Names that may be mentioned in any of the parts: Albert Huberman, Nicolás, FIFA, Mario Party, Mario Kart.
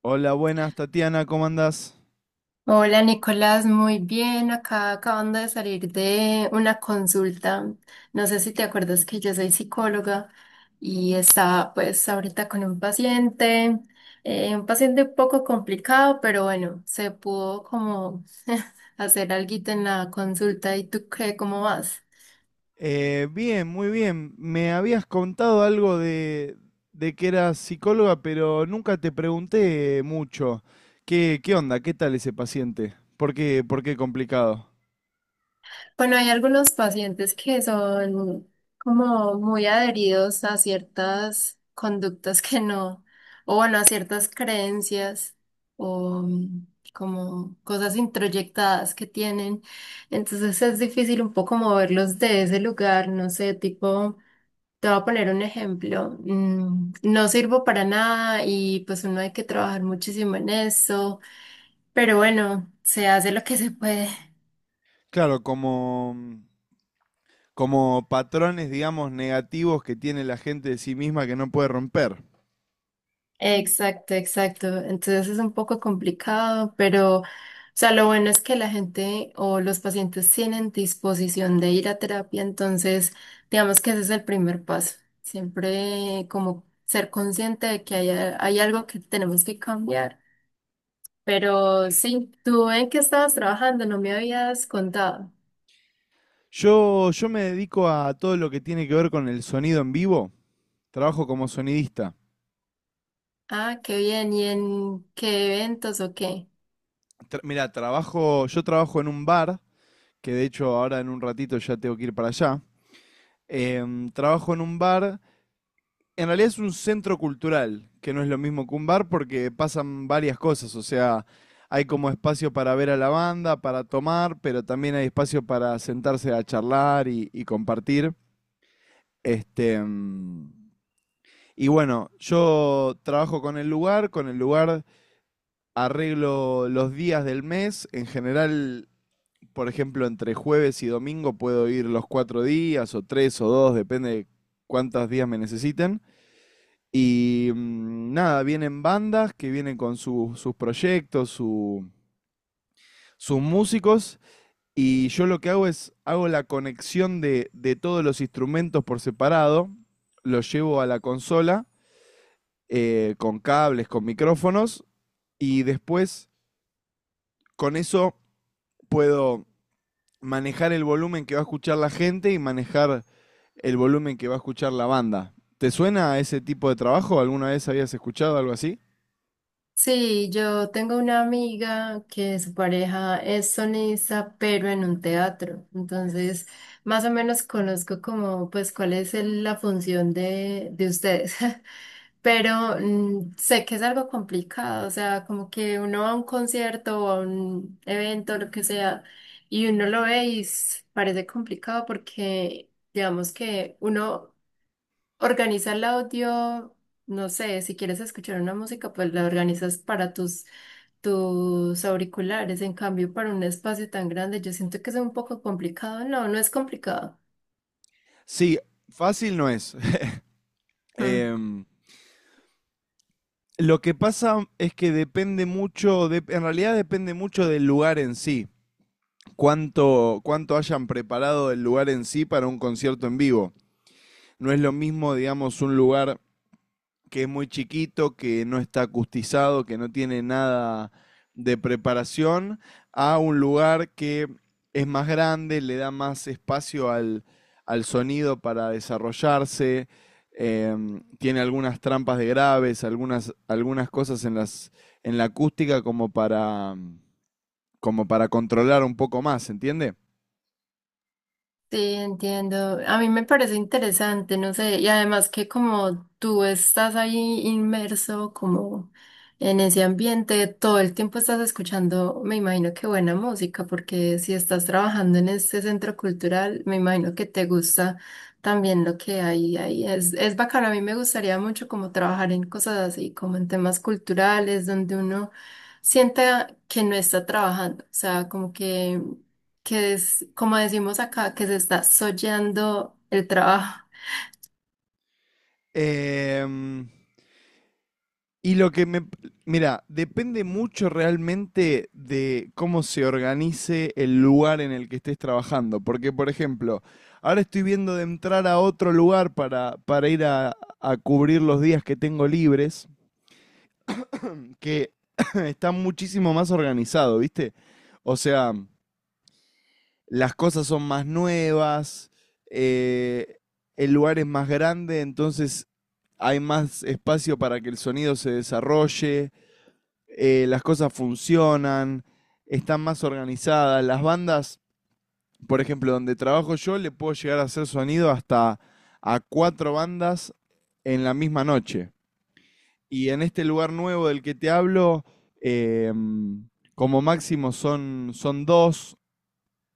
Hola, buenas, Tatiana, ¿cómo andás? Hola Nicolás, muy bien. Acá acabando de salir de una consulta. No sé si te acuerdas que yo soy psicóloga y estaba pues ahorita con un paciente, un paciente un poco complicado, pero bueno, se pudo como hacer alguito en la consulta. ¿Y tú qué, cómo vas? Bien, muy bien. Me habías contado algo de que eras psicóloga, pero nunca te pregunté mucho. ¿Qué onda? ¿Qué tal ese paciente? ¿Por qué complicado? Bueno, hay algunos pacientes que son como muy adheridos a ciertas conductas que no, o bueno, a ciertas creencias o mm, como cosas introyectadas que tienen. Entonces es difícil un poco moverlos de ese lugar, no sé, tipo, te voy a poner un ejemplo, no sirvo para nada y pues uno hay que trabajar muchísimo en eso, pero bueno, se hace lo que se puede. Claro, como patrones, digamos, negativos que tiene la gente de sí misma que no puede romper. Exacto, exacto. Entonces es un poco complicado, pero, o sea, lo bueno es que la gente o los pacientes tienen disposición de ir a terapia, entonces, digamos que ese es el primer paso. Siempre como ser consciente de que hay algo que tenemos que cambiar. Pero sí, tú en qué estabas trabajando, no me habías contado. Yo me dedico a todo lo que tiene que ver con el sonido en vivo. Trabajo como sonidista. Ah, qué bien. ¿Y en qué eventos o qué? Mira, yo trabajo en un bar, que de hecho ahora en un ratito ya tengo que ir para allá. Trabajo en un bar, en realidad es un centro cultural, que no es lo mismo que un bar porque pasan varias cosas, o sea, hay como espacio para ver a la banda, para tomar, pero también hay espacio para sentarse a charlar y compartir. Este, em, Y bueno, yo trabajo con el lugar arreglo los días del mes. En general, por ejemplo, entre jueves y domingo puedo ir los cuatro días o tres o dos, depende de cuántos días me necesiten. Y nada, vienen bandas que vienen con sus proyectos, sus músicos. Y yo lo que hago es, hago la conexión de todos los instrumentos por separado, los llevo a la consola, con cables, con micrófonos, y después con eso puedo manejar el volumen que va a escuchar la gente y manejar el volumen que va a escuchar la banda. ¿Te suena a ese tipo de trabajo? ¿Alguna vez habías escuchado algo así? Sí, yo tengo una amiga que su pareja es sonista, pero en un teatro. Entonces, más o menos conozco como, pues, cuál es la función de ustedes. Pero sé que es algo complicado, o sea, como que uno va a un concierto o a un evento, lo que sea, y uno lo ve y parece complicado porque, digamos que uno organiza el audio, no sé, si quieres escuchar una música, pues la organizas para tus auriculares. En cambio, para un espacio tan grande, yo siento que es un poco complicado. No, no es complicado. Sí, fácil no es. Mm. Em, lo que pasa es que depende mucho, en realidad depende mucho del lugar en sí. Cuánto hayan preparado el lugar en sí para un concierto en vivo. No es lo mismo, digamos, un lugar que es muy chiquito, que no está acustizado, que no tiene nada de preparación, a un lugar que es más grande, le da más espacio al sonido para desarrollarse, tiene algunas trampas de graves, algunas cosas en la acústica como como para controlar un poco más, ¿entiende? Sí, entiendo. A mí me parece interesante, no sé, y además que como tú estás ahí inmerso como en ese ambiente, todo el tiempo estás escuchando, me imagino que buena música, porque si estás trabajando en este centro cultural, me imagino que te gusta también lo que hay ahí. Es bacano, a mí me gustaría mucho como trabajar en cosas así, como en temas culturales, donde uno sienta que no está trabajando, o sea, como que es, como decimos acá, que se está soyando el trabajo. Em, Y lo que me... Mira, depende mucho realmente de cómo se organice el lugar en el que estés trabajando. Porque, por ejemplo, ahora estoy viendo de entrar a otro lugar para ir a cubrir los días que tengo libres, que está muchísimo más organizado, ¿viste? O sea, las cosas son más nuevas, eh, el lugar es más grande, entonces hay más espacio para que el sonido se desarrolle. Las cosas funcionan, están más organizadas. Las bandas, por ejemplo, donde trabajo yo, le puedo llegar a hacer sonido hasta a cuatro bandas en la misma noche. Y en este lugar nuevo del que te hablo, eh, como máximo son dos,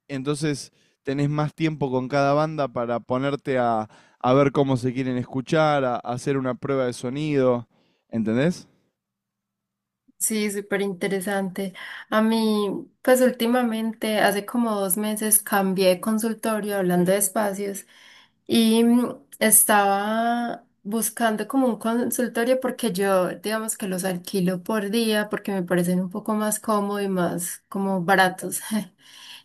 entonces tenés más tiempo con cada banda para ponerte a ver cómo se quieren escuchar, a hacer una prueba de sonido, ¿entendés? Sí, súper interesante. A mí, pues últimamente, hace como dos meses, cambié de consultorio hablando de espacios y estaba buscando como un consultorio porque yo, digamos que los alquilo por día porque me parecen un poco más cómodos y más como baratos.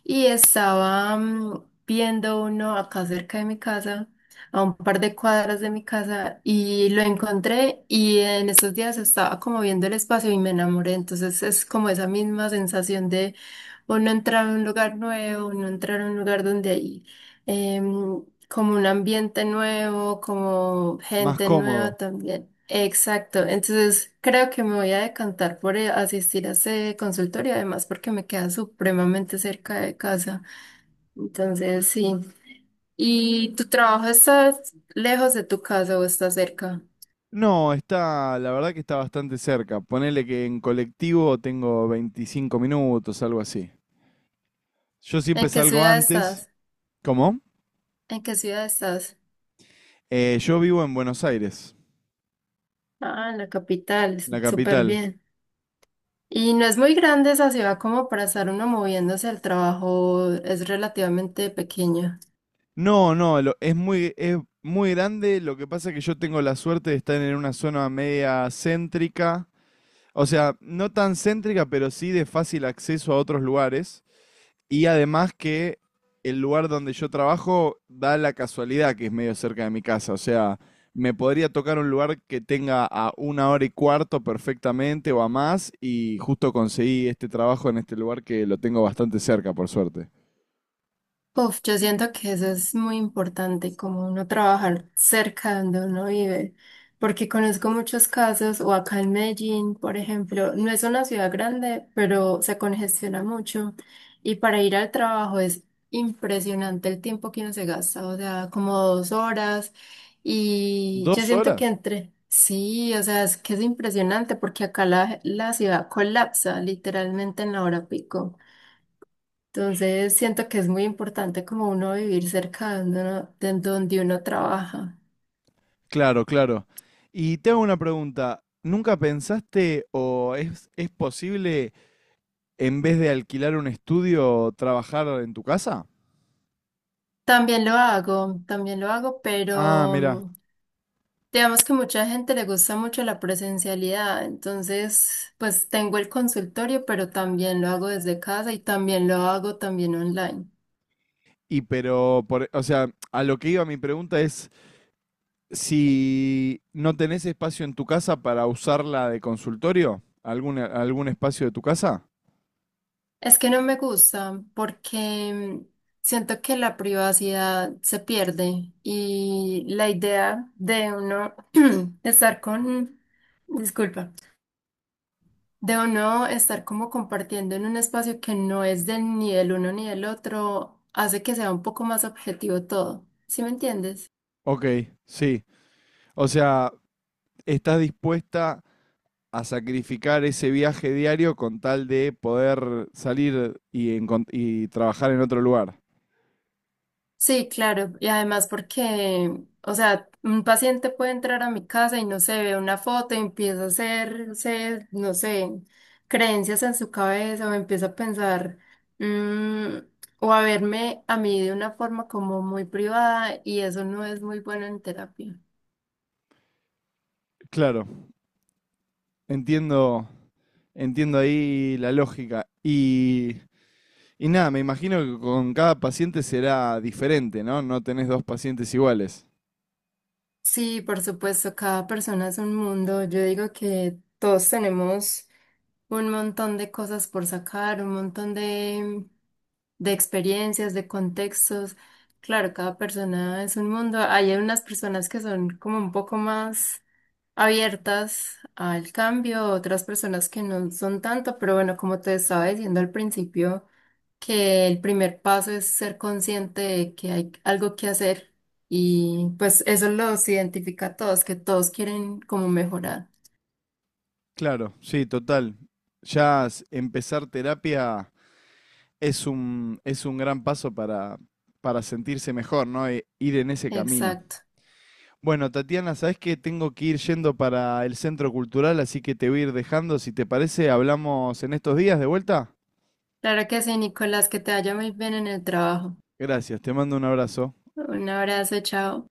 Y estaba viendo uno acá cerca de mi casa a un par de cuadras de mi casa y lo encontré y en estos días estaba como viendo el espacio y me enamoré. Entonces es como esa misma sensación de uno entrar a un lugar nuevo, uno entrar a un lugar donde hay em, como un ambiente nuevo, como Más gente cómodo. nueva también. Exacto, entonces creo que me voy a decantar por asistir a ese consultorio, además porque me queda supremamente cerca de casa. Entonces, sí. ¿Y tu trabajo está lejos de tu casa o está cerca? No, está, la verdad que está bastante cerca. Ponele que en colectivo tengo 25 minutos, algo así. Yo siempre ¿En qué salgo ciudad antes. estás? ¿Cómo? ¿En qué ciudad estás? Yo vivo en Buenos Aires, Ah, en la capital, la súper capital. bien. Y no es muy grande esa ciudad como para estar uno moviéndose al trabajo, es relativamente pequeño. No, no, es muy grande. Lo que pasa es que yo tengo la suerte de estar en una zona media céntrica. O sea, no tan céntrica, pero sí de fácil acceso a otros lugares. Y además que el lugar donde yo trabajo da la casualidad que es medio cerca de mi casa. O sea, me podría tocar un lugar que tenga a una hora y cuarto perfectamente o a más. Y justo conseguí este trabajo en este lugar que lo tengo bastante cerca, por suerte. Uf, yo siento que eso es muy importante, como uno trabajar cerca de donde uno vive, porque conozco muchos casos, o acá en Medellín, por ejemplo, no es una ciudad grande, pero se congestiona mucho y para ir al trabajo es impresionante el tiempo que uno se gasta, o sea, como dos horas y yo ¿Dos siento que horas? entre, sí, o sea, es que es impresionante porque acá la ciudad colapsa literalmente en la hora pico. Entonces siento que es muy importante como uno vivir cerca de donde uno trabaja. Claro, claro. Y te hago una pregunta. ¿Nunca pensaste o es posible en vez de alquilar un estudio, trabajar en tu casa? También lo hago, Ah, pero mira. Digamos que mucha gente le gusta mucho la presencialidad. Entonces, pues tengo el consultorio, pero también lo hago desde casa y también lo hago también online. O sea, a lo que iba mi pregunta es si no tenés espacio en tu casa para usarla de consultorio, algún espacio de tu casa. Es que no me gusta porque mm, siento que la privacidad se pierde y la idea de uno estar con... Disculpa. De uno estar como compartiendo en un espacio que no es de ni del uno ni del otro, hace que sea un poco más objetivo todo. ¿Sí me entiendes? Ok, sí. O sea, estás dispuesta a sacrificar ese viaje diario con tal de poder salir y trabajar en otro lugar. Sí, claro. Y además porque, o sea, un paciente puede entrar a mi casa y no se ve una foto y empieza a hacerse, no sé, creencias en su cabeza o empieza a pensar, mm, o a verme a mí de una forma como muy privada y eso no es muy bueno en terapia. Claro, entiendo, entiendo ahí la lógica. Y nada, me imagino que con cada paciente será diferente, ¿no? No tenés dos pacientes iguales. Sí, por supuesto, cada persona es un mundo. Yo digo que todos tenemos un montón de cosas por sacar, un montón de experiencias, de contextos. Claro, cada persona es un mundo. Hay unas personas que son como un poco más abiertas al cambio, otras personas que no son tanto, pero bueno, como te estaba diciendo al principio que el primer paso es ser consciente de que hay algo que hacer y pues eso los identifica a todos, que todos quieren como mejorar. Claro, sí, total. Empezar terapia es es un gran paso para sentirse mejor, ¿no? Ir en ese camino. Exacto. Bueno, Tatiana, sabes que tengo que ir yendo para el centro cultural, así que te voy a ir dejando. Si te parece, hablamos en estos días de vuelta. Claro que sí, Nicolás, que te vaya muy bien en el trabajo. Gracias, te mando un abrazo. Un abrazo, chao.